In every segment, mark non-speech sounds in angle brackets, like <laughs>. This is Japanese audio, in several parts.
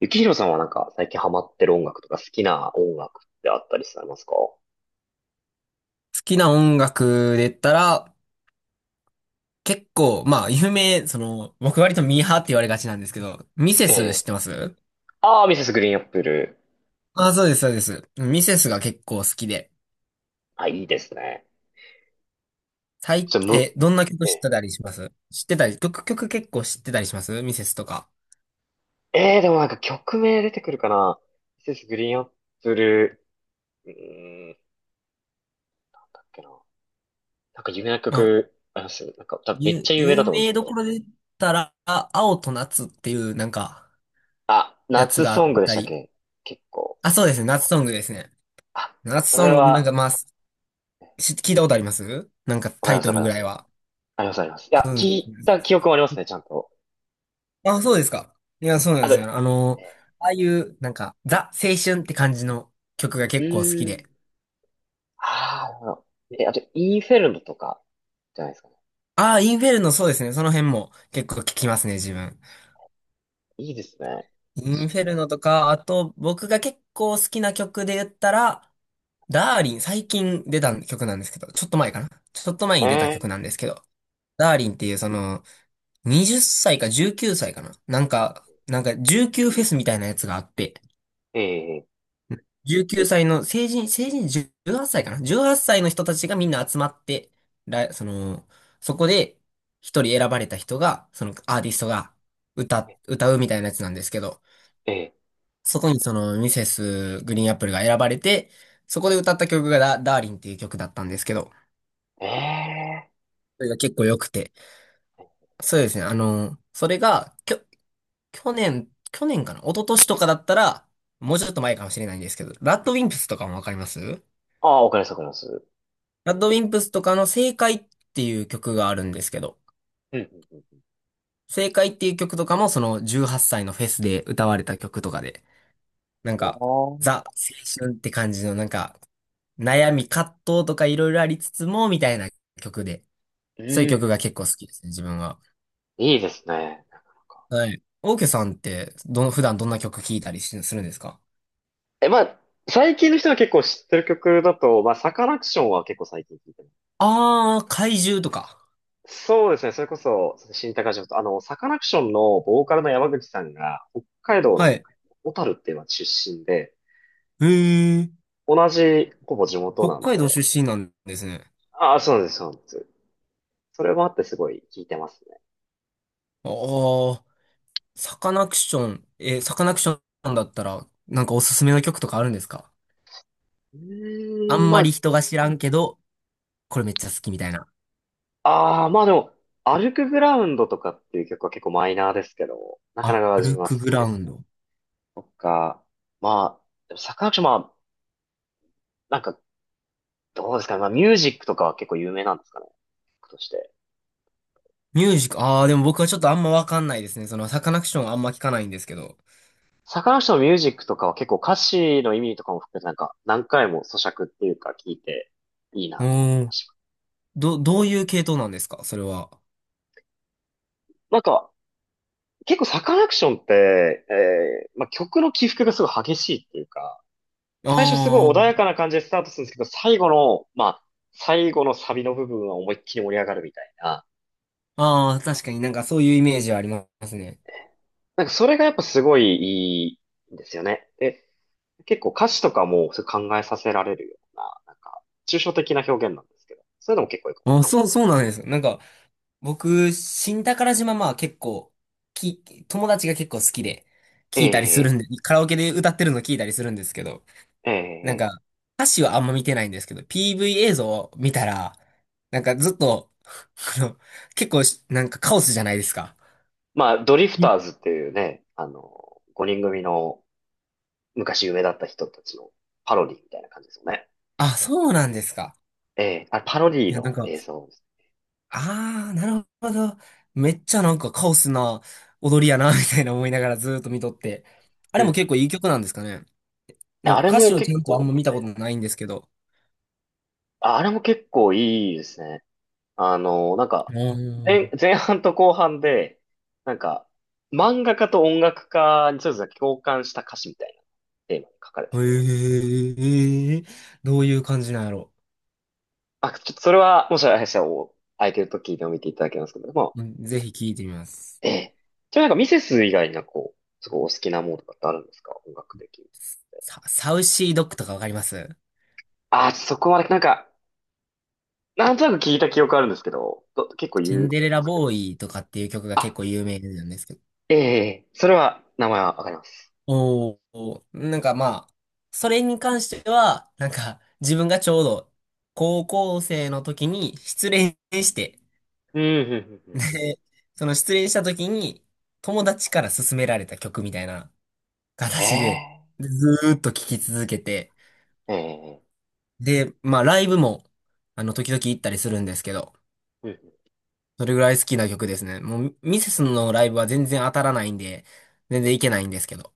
ゆきひろさんは最近ハマってる音楽とか好きな音楽ってあったりされますか？好きな音楽で言ったら、結構、まあ、その、僕割とミーハーって言われがちなんですけど、ミセえス知え。ってます？ああ、ミセスグリーンアップル。あ、そうです、そうです。ミセスが結構好きで。あ、いいですね。ちょ、む、どんな曲え知っえ、てたりします知ってたり、曲結構知ってたりしますミセスとか？ええ、でも曲名出てくるかな。ミセスグリーンアップル。なんだっけな。なんか有名なまあ、曲、あります？なんか多分めっちゃ有名だ有と思うんです名けどこど。ろで言ったら、青と夏っていう、なんか、やつ夏があっソングでしたたっり。け？結構。あ、そうですね、夏ソングですね。あ、夏そソれング、なんかは、まあ、聞いたことありますなんかわかタりイます、トわかルりぐまらす。いは。あります、あります。いや、聞いた記憶もありますね、ちゃんと。あ、そうですか。いや、そうなんであすと、よ。あえの、え、ああいう、なんか、ザ・青春って感じの曲がう結構好きーで。ん。ああ、なるほど。え、あと、イーフェルムとか、じゃないですかね。ああ、インフェルノ、そうですね。その辺も結構聞きますね、自分。いいですね。インフェルノとか、あと、僕が結構好きな曲で言ったら、ダーリン、最近出た曲なんですけど、ちょっと前かな。ちょっと前えに出た曲なんでえ、すけど、ダーリンっていうその、20歳か19歳かな。なんか19フェスみたいなやつがあって、ええ、19歳の成人18歳かな ?18 歳の人たちがみんな集まって、その、そこで一人選ばれた人が、そのアーティストが歌うみたいなやつなんですけど、ええ、そこにそのミセスグリーンアップルが選ばれて、そこでえ歌った曲がダーリンっていう曲だったんですけど、ー、えー。それが結構良くて。そうですね、あの、それが、去年かな、一昨年とかだったら、もうちょっと前かもしれないんですけど、ラッドウィンプスとかもわかります？ああ、わかります、わかります。ラッドウィンプスとかの正解っていう曲があるんですけど、うん、うん、うん。正解っていう曲とかもその18歳のフェスで歌われた曲とかで、なんあか、ー。ザ・青春って感じのなんか、悩み、葛藤とかいろいろありつつも、みたいな曲で、うん、そういう曲がう結構好きですね、自分は。ん。いいですね。なかなか。はい。オーケーさんって、普段どんな曲聴いたりするんですか？え、まあ、最近の人が結構知ってる曲だと、まあ、サカナクションは結構最近聞いてます。あー、怪獣とか。そうですね、それこそ、新高島と、あの、サカナクションのボーカルの山口さんが、北海道はのい。小樽っていう町出身で、へー、同じ、ほぼ地元北なん海道で、出身なんですね。ああ、そうです、そうです。それもあってすごい効いてますね。あー、サカナクションだったら、なんかおすすめの曲とかあるんですか？うあーん、んまりま人が知らんけど、これめっちゃ好きみたいな。ああ、まあでも、歩くグラウンドとかっていう曲は結構マイナーですけど、なかなあか自歩分は好くグきラでウすンね。ド。とか、まあ、でもサカナクション、まあ、なんか、どうですかね。まあ、ミュージックとかは結構有名なんですかね。曲として。ミュージック、ああ、でも僕はちょっとあんまわかんないですね。その、サカナクションあんま聞かないんですけど。サカナクションのミュージックとかは結構歌詞の意味とかも含めてなんか、何回も咀嚼っていうか聞いていいうなと思っーたりん。します。どういう系統なんですかそれは？なんか、結構サカナクションって、曲の起伏がすごい激しいっていうか、最初すごい穏やあかな感じでスタートするんですけど、最後の、まあ、最後のサビの部分は思いっきり盛り上がるみたいな。あ、ああ、確かになんかそういうイメージはありますね。なんかそれがやっぱすごいいいんですよね。で、結構歌詞とかもそう考えさせられるような、なんか、抽象的な表現なんですけど、そういうのも結構いいかも。ああ、そうなんです。なんか、僕、新宝島まあ結構、友達が結構好きで、聞いたりするえんえ、で、カラオケで歌ってるの聞いたりするんですけど、なんええ、か、歌詞はあんま見てないんですけど、PV 映像を見たら、なんかずっと、<laughs> あの、結構し、なんかカオスじゃないですか。まあ、ドリフいターズっていうね、あの、5人組の昔夢だった人たちのパロディみたいな感じですよね。あ、そうなんですか。ええ、あれパロディいや、なんのか、映像です。あー、なるほど。めっちゃなんかカオスな踊りやな、<laughs> みたいな思いながらずーっと見とって。あうれも結ん。構いい曲なんですかね。なあんかれ歌も詞をち結ゃんとあん構、ま見たことないんですけど、あ、あれも結構いいですね。あの、なんか、ああ、前半と後半で、なんか、漫画家と音楽家にそれぞれ共感した歌詞みたいなテーマに書かれてて。へえ、どういう感じなんやろ。あ、ちょっとそれは、もしあれしたら、お空いてる時でも見ていただけますけども、うんぜひ聞いてみます。ええ。じゃあなんかミセス以外になんかこう、すごいお好きなものとかってあるんですか、音楽的に。サウシードッグとかわかります？あ、そこはなんか、なんとなく聞いた記憶あるんですけど、ど結構言うシンんデレでラすけど。ボーイとかっていう曲が結あ、構有名なんですけど。ええ、それは、名前はわかります。おお、なんかまあ、それに関しては、なんか自分がちょうど高校生の時に失恋して、うん、うん、うん、うん。で、その失恋した時に友達から勧められた曲みたいな形で、ええ、ずーっと聴き続けて、ええ、で、まあライブも、あの、時々行ったりするんですけど、うん。それぐらい好きな曲ですね。もう、ミセスのライブは全然当たらないんで、全然行けないんですけど、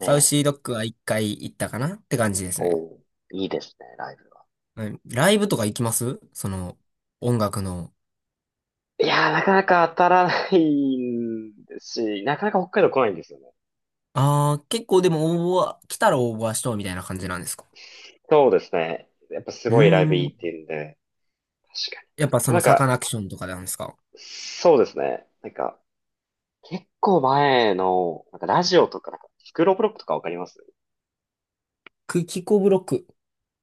えウえ、シードッグは一回行ったかなって感じですね。おー、いいですね、ライブは。はい、ライブとか行きますその、音楽の？いやー、なかなか当たらないんですし、なかなか北海道来ないんですよね。ああ、結構でも応募は、来たら応募はしとうみたいな感じなんですか？そうですね。やっぱすうーごいライブいいっん。て言うんで、確かやっぱそに。のサカナクションとかなんですか？そうですね。なんか、結構前の、なんかラジオとか、なんか、スクールオブロックとかわかります？クキコブロック。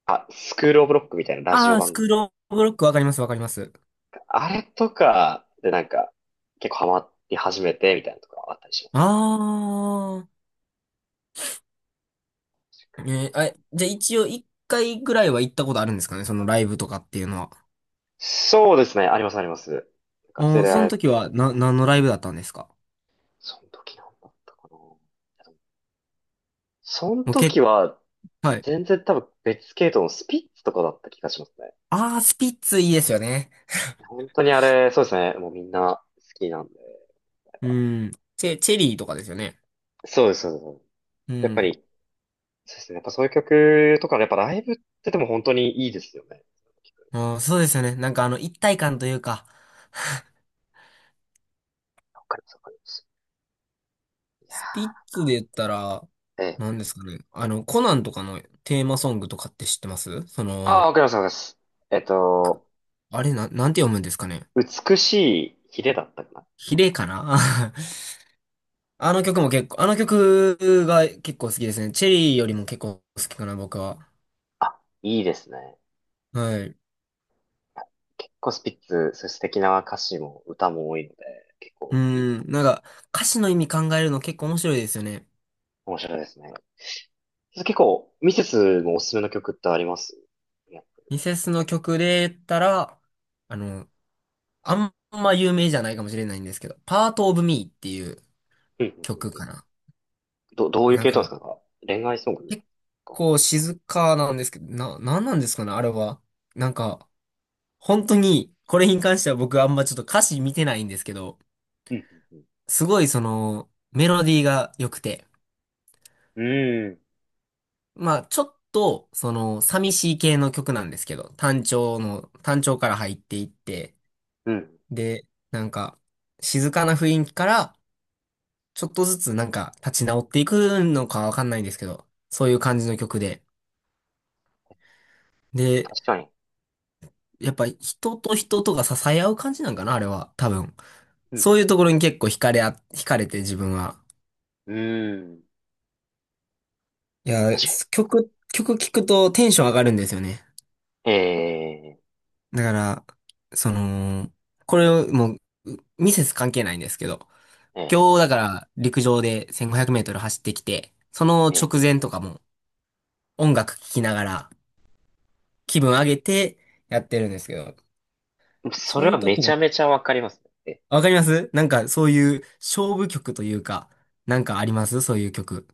あ、スクールオブロックみたいなラジあオあ、ス番組クとローブロックわかります、わかります。か。あれとかでなんか、結構ハマり始めてみたいなとかあったりしまああ。す。あ、じゃあ一応一回ぐらいは行ったことあるんですかねそのライブとかっていうのは？そうですね。あります、あります。なんか連もう、れそらのれて時は、とか、何のライブだったんですか？その時なんだったかな。そのもう結時構、は、はい。全然多分別系統のスピッツとかだった気がしますね。ああ、スピッツいいですよね。本当にあれ、そうですね。もうみんな好きなんで。うん。チェリーとかですよね。そうです、そうです。そうです、うやっぱん。り、そうですね。やっぱそういう曲とか、やっぱライブってでも本当にいいですよね。ああ、そうですよね。なんかあの、一体感というか、わかります、わかります。いやー、なんスピッツでか、言ったら、ええ。何ですかね。あの、コナンとかのテーマソングとかって知ってます？そああ、の、わかります、わかります。えっくと、あれ、なんて読むんですかね？美しいヒレだったかな。ヒレかな？ <laughs> あの曲も結構、あの曲が結構好きですね。チェリーよりも結構好きかな、僕は。あ、いいですね。はい。結構スピッツ、そういう素敵な歌詞も歌も多いので、結う構いいでん、す。なんか歌詞の意味考えるの結構面白いですよね。面白いですね。結構、ミセスもおすすめの曲ってあります？いや、ミセスの曲で言ったら、あの、あんま有名じゃないかもしれないんですけど、パートオブミーっていううん、うん、うん、曲うかん。な。ど、どういうなん系統ですか、か？なんか恋愛ソング結か。構静かなんですけど、なんなんですかね、あれは？なんか、本当に、これに関しては僕あんまちょっと歌詞見てないんですけど、うん、うん、すごいその、メロディーが良くて、うん。うまあ、ちょっと、その、寂しい系の曲なんですけど、単調から入っていって、ん。うん。で、なんか、静かな雰囲気から、ちょっとずつなんか、立ち直っていくのかわかんないんですけど、そういう感じの曲で。で、確かに。やっぱ人と人とが支え合う感じなんかな、あれは、多分。うそうん、いうところに結構惹かれて自分は。うん。うん。いや、確か曲聴くとテンション上がるんですよね。に。えだから、その、これをもう、ミセス関係ないんですけど、ー、え今日だから陸上で1500メートル走ってきて、そのー、え直前とかも音楽聴きながら気分上げてやってるんですけど、ー。そそれはのめ時ちの、ゃめちゃわかりますね。え、わかります？なんかそういう勝負曲というか、なんかありますそういう曲？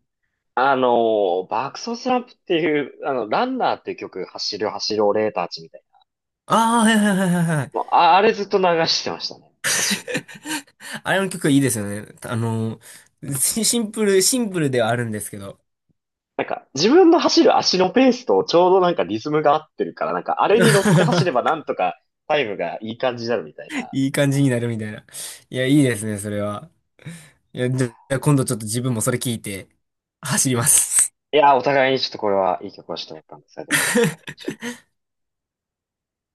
あの爆走スランプっていう、あの、ランナーっていう曲、走る走るオレーターチみたいな。ああ、はいはいはいはいはい。もう、あ、あれずっと流してましたね。私もあれの曲いいですよね。あの、シンプルではあるんですけど。なんか、自分の走る足のペースとちょうどなんかリズムが合ってるから、なんか、あれに乗って走れば <laughs> なんとかタイムがいい感じになるみたいな。いい感じになるみたいな。いや、いいですね、それは。いや、じゃあ、今度ちょっと自分もそれ聞いて、走ります。いやー、お互いにちょっとこれはいい曲をしてもらったんで、それで。